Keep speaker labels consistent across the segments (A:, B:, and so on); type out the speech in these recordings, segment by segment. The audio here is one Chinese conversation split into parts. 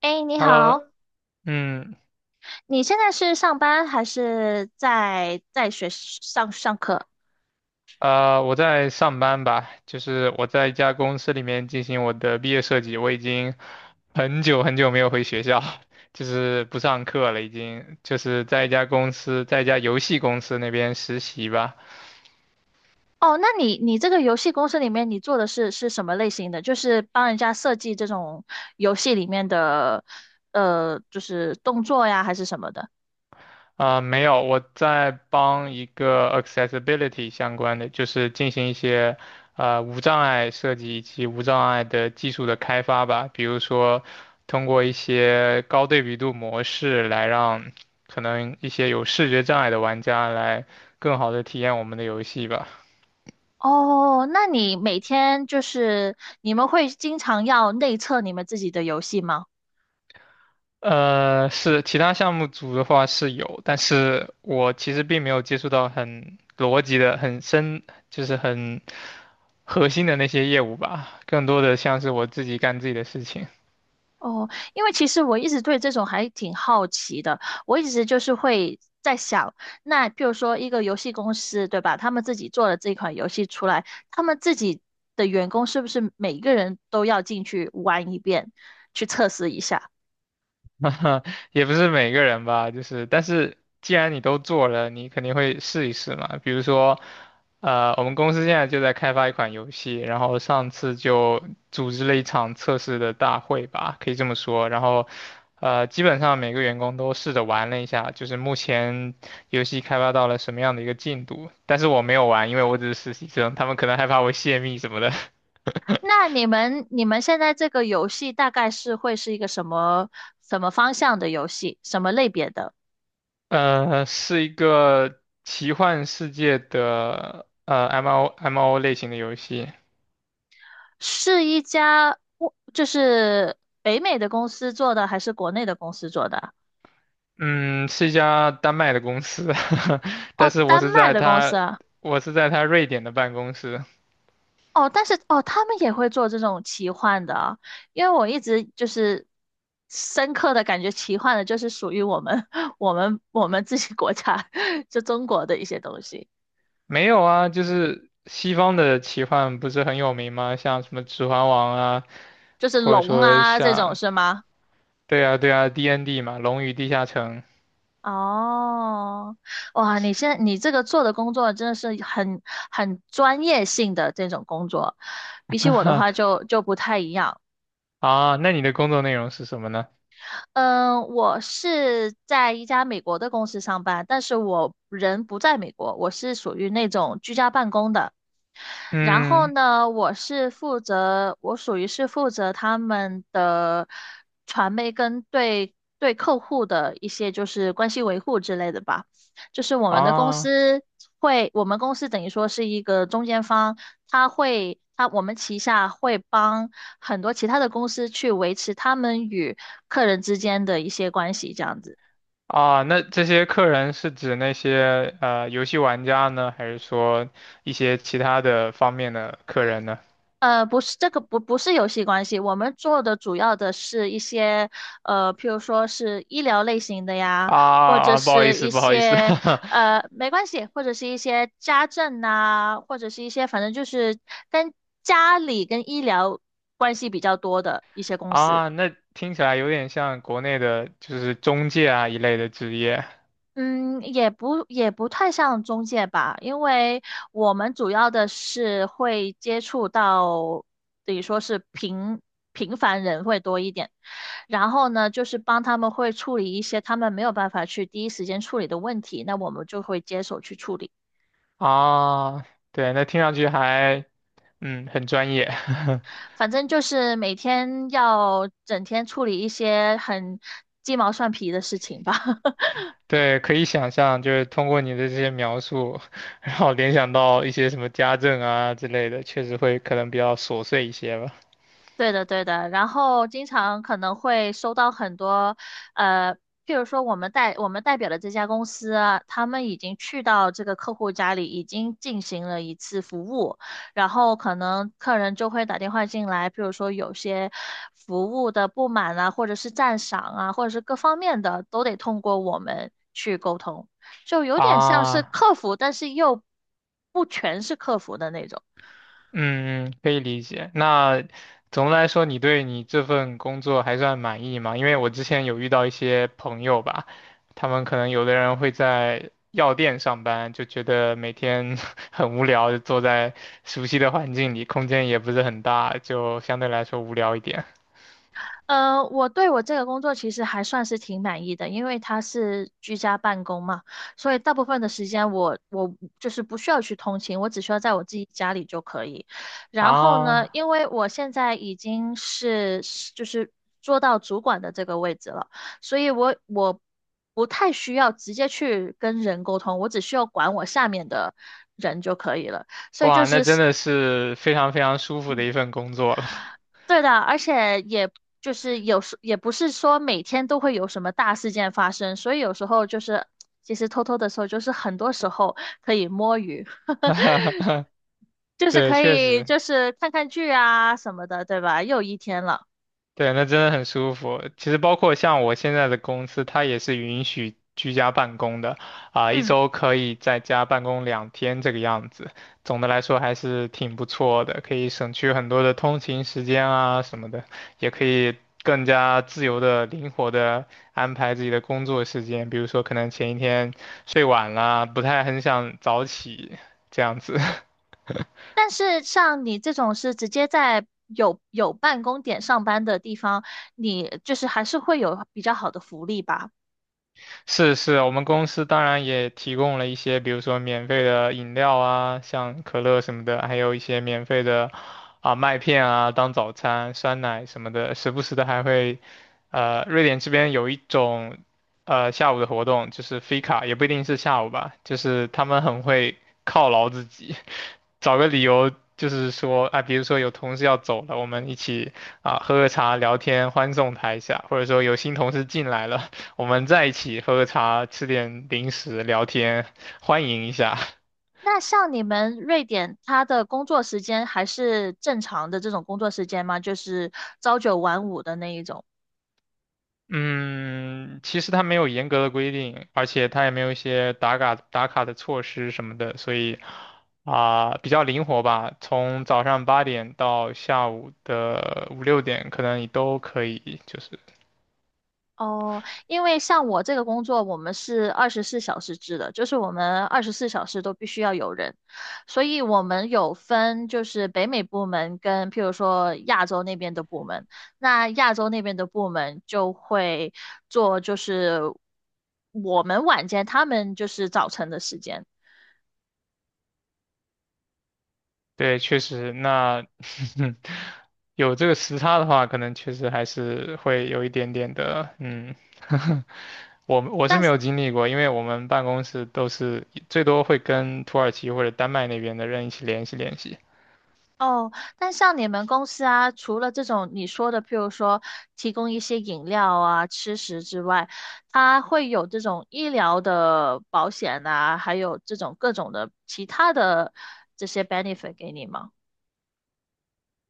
A: 哎，你
B: Hello，
A: 好，
B: 嗯，
A: 你现在是上班还是在学上课？
B: 我在上班吧，就是我在一家公司里面进行我的毕业设计，我已经很久没有回学校，就是不上课了，已经就是在一家公司，在一家游戏公司那边实习吧。
A: 哦，那你这个游戏公司里面你做的是什么类型的？就是帮人家设计这种游戏里面的就是动作呀，还是什么的？
B: 没有，我在帮一个 accessibility 相关的，就是进行一些无障碍设计以及无障碍的技术的开发吧。比如说，通过一些高对比度模式来让可能一些有视觉障碍的玩家来更好的体验我们的游戏吧。
A: 哦，那你每天就是你们会经常要内测你们自己的游戏吗？
B: 是其他项目组的话是有，但是我其实并没有接触到很逻辑的、很深，就是很。核心的那些业务吧，更多的像是我自己干自己的事情。
A: 哦，因为其实我一直对这种还挺好奇的，我一直就是会在想，那譬如说一个游戏公司，对吧？他们自己做了这款游戏出来，他们自己的员工是不是每个人都要进去玩一遍，去测试一下？
B: 也不是每个人吧，但是既然你都做了，你肯定会试一试嘛。比如说，我们公司现在就在开发一款游戏，然后上次就组织了一场测试的大会吧，可以这么说。然后，基本上每个员工都试着玩了一下，就是目前游戏开发到了什么样的一个进度。但是我没有玩，因为我只是实习生，他们可能害怕我泄密什么的。
A: 那你们现在这个游戏大概是会是一个什么方向的游戏，什么类别的？
B: 是一个奇幻世界的MO MO 类型的游戏。
A: 是一家就是北美的公司做的，还是国内的公司做的啊？
B: 嗯，是一家丹麦的公司，
A: 哦，
B: 但是
A: 丹麦的公司啊，
B: 我是在他瑞典的办公室。
A: 哦，但是哦，他们也会做这种奇幻的啊，因为我一直就是深刻的感觉，奇幻的就是属于我们 我们自己国家 就中国的一些东西，
B: 没有啊，就是西方的奇幻不是很有名吗？像什么《指环王》啊，
A: 就是
B: 或者
A: 龙
B: 说
A: 啊这种
B: 像
A: 是吗？
B: 对啊对啊 D&D N D 嘛，《龙与地下城》。
A: 哦，哇，你现在你这个做的工作真的是很专业性的这种工作，比起我的话就不太一样。
B: 啊。那你的工作内容是什么呢？
A: 嗯，我是在一家美国的公司上班，但是我人不在美国，我是属于那种居家办公的。然后
B: 嗯。
A: 呢，我属于是负责他们的传媒跟对客户的一些就是关系维护之类的吧。就是我们的公
B: 啊。
A: 司会，我们公司等于说是一个中间方，他会，他我们旗下会帮很多其他的公司去维持他们与客人之间的一些关系，这样子。
B: 啊，那这些客人是指那些游戏玩家呢，还是说一些其他的方面的客人呢？
A: 不是这个不不是游戏关系，我们做的主要的是一些譬如说是医疗类型的呀，
B: 啊
A: 或
B: 啊，
A: 者
B: 啊不好意
A: 是
B: 思，
A: 一
B: 不好意思。
A: 些呃没关系，或者是一些家政呐、或者是一些反正就是跟家里跟医疗关系比较多的一些 公司。
B: 啊，那听起来有点像国内的，就是中介啊一类的职业。
A: 嗯，也不太像中介吧，因为我们主要的是会接触到，等于说是平凡人会多一点，然后呢，就是帮他们会处理一些他们没有办法去第一时间处理的问题，那我们就会接手去处理。
B: 啊。对，那听上去还嗯很专业。
A: 反正就是每天要整天处理一些很鸡毛蒜皮的事情吧。
B: 对，可以想象，就是通过你的这些描述，然后联想到一些什么家政啊之类的，确实会可能比较琐碎一些吧。
A: 对的，对的。然后经常可能会收到很多，呃，譬如说我们代表的这家公司啊，他们已经去到这个客户家里，已经进行了一次服务，然后可能客人就会打电话进来，譬如说有些服务的不满啊，或者是赞赏啊，或者是各方面的，都得通过我们去沟通，就有点像是
B: 啊，
A: 客服，但是又不全是客服的那种。
B: 嗯，嗯可以理解。那总的来说，你对你这份工作还算满意吗？因为我之前有遇到一些朋友吧，他们可能有的人会在药店上班，就觉得每天 很无聊，就坐在熟悉的环境里，空间也不是很大，就相对来说无聊一点。
A: 我对我这个工作其实还算是挺满意的，因为它是居家办公嘛，所以大部分的时间我就是不需要去通勤，我只需要在我自己家里就可以。然后呢，
B: 啊，
A: 因为我现在已经是就是做到主管的这个位置了，所以我不太需要直接去跟人沟通，我只需要管我下面的人就可以了。所以就
B: 哇，那
A: 是。
B: 真的是非常舒服的一份工作了。
A: 对的，而且也就是有时也不是说每天都会有什么大事件发生，所以有时候就是其实偷偷的时候，就是很多时候可以摸鱼，就是
B: 对，
A: 可
B: 确
A: 以
B: 实。
A: 就是看看剧啊什么的，对吧？又一天了，
B: 对，那真的很舒服。其实包括像我现在的公司，它也是允许居家办公的，一
A: 嗯。
B: 周可以在家办公2天这个样子。总的来说还是挺不错的，可以省去很多的通勤时间啊什么的，也可以更加自由的、灵活的安排自己的工作时间。比如说，可能前一天睡晚了，不太很想早起，这样子。
A: 但是像你这种是直接在有办公点上班的地方，你就是还是会有比较好的福利吧？
B: 是是，我们公司当然也提供了一些，比如说免费的饮料啊，像可乐什么的，还有一些免费的麦片啊当早餐，酸奶什么的，时不时的还会，瑞典这边有一种下午的活动，就是 Fika，也不一定是下午吧，就是他们很会犒劳自己，找个理由。就是说啊，比如说有同事要走了，我们一起喝喝茶、聊天，欢送他一下；或者说有新同事进来了，我们在一起喝个茶，吃点零食，聊天，欢迎一下。
A: 那像你们瑞典，他的工作时间还是正常的这种工作时间吗？就是朝九晚五的那一种？
B: 嗯，其实它没有严格的规定，而且它也没有一些打卡的措施什么的，所以啊，比较灵活吧。从早上8点到下午的5、6点，可能你都可以，就是
A: 哦，因为像我这个工作，我们是二十四小时制的，就是我们二十四小时都必须要有人，所以我们有分就是北美部门跟譬如说亚洲那边的部门，那亚洲那边的部门就会做就是我们晚间，他们就是早晨的时间。
B: 对，确实，那 有这个时差的话，可能确实还是会有一点点的，嗯，我是
A: 但
B: 没有经历过，因为我们办公室都是最多会跟土耳其或者丹麦那边的人一起联系。
A: 哦，但像你们公司啊，除了这种你说的，譬如说提供一些饮料啊、吃食之外，它会有这种医疗的保险啊，还有这种各种的其他的这些 benefit 给你吗？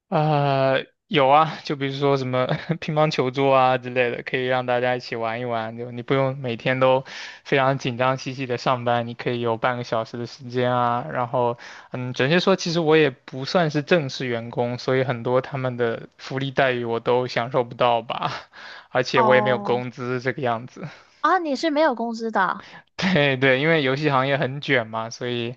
B: 有啊，就比如说什么 乒乓球桌啊之类的，可以让大家一起玩一玩。就你不用每天都非常紧张兮兮的上班，你可以有半个小时的时间啊。然后，嗯，准确说，其实我也不算是正式员工，所以很多他们的福利待遇我都享受不到吧，而且我也没有
A: 哦，
B: 工资这个样子。
A: 啊，你是没有工资的啊，
B: 对对，因为游戏行业很卷嘛，所以。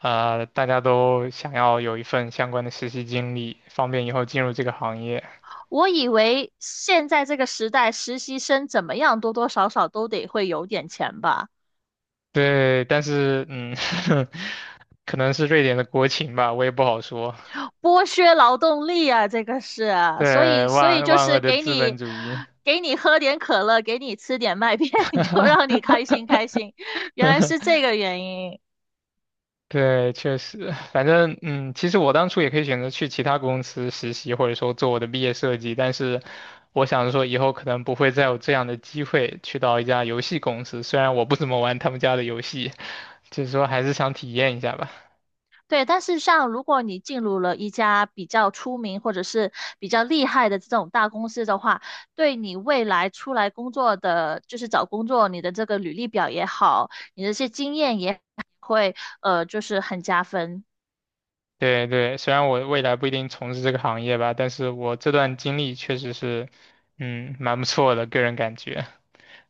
B: 大家都想要有一份相关的实习经历，方便以后进入这个行业。
A: 我以为现在这个时代，实习生怎么样，多多少少都得会有点钱吧。
B: 对，但是嗯。可能是瑞典的国情吧，我也不好说。
A: 剥削劳动力啊，这个是啊所
B: 对，
A: 以所以
B: 万
A: 就
B: 万
A: 是
B: 恶的
A: 给
B: 资本
A: 你
B: 主义。
A: 给你喝点可乐，给你吃点麦片，就让你开心开心，原来是这个原因。
B: 对，确实，反正嗯，其实我当初也可以选择去其他公司实习，或者说做我的毕业设计，但是我想着说以后可能不会再有这样的机会去到一家游戏公司，虽然我不怎么玩他们家的游戏，就是说还是想体验一下吧。
A: 对，但是像如果你进入了一家比较出名或者是比较厉害的这种大公司的话，对你未来出来工作的，就是找工作，你的这个履历表也好，你的这些经验也会就是很加分。
B: 对对，虽然我未来不一定从事这个行业吧，但是我这段经历确实是，嗯，蛮不错的，个人感觉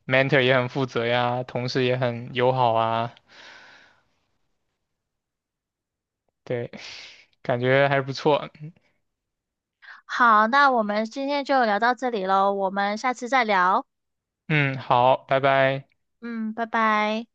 B: ，mentor 也很负责呀，同事也很友好啊，对，感觉还是不错。
A: 好，那我们今天就聊到这里喽，我们下次再聊。
B: 嗯，好，拜拜。
A: 嗯，拜拜。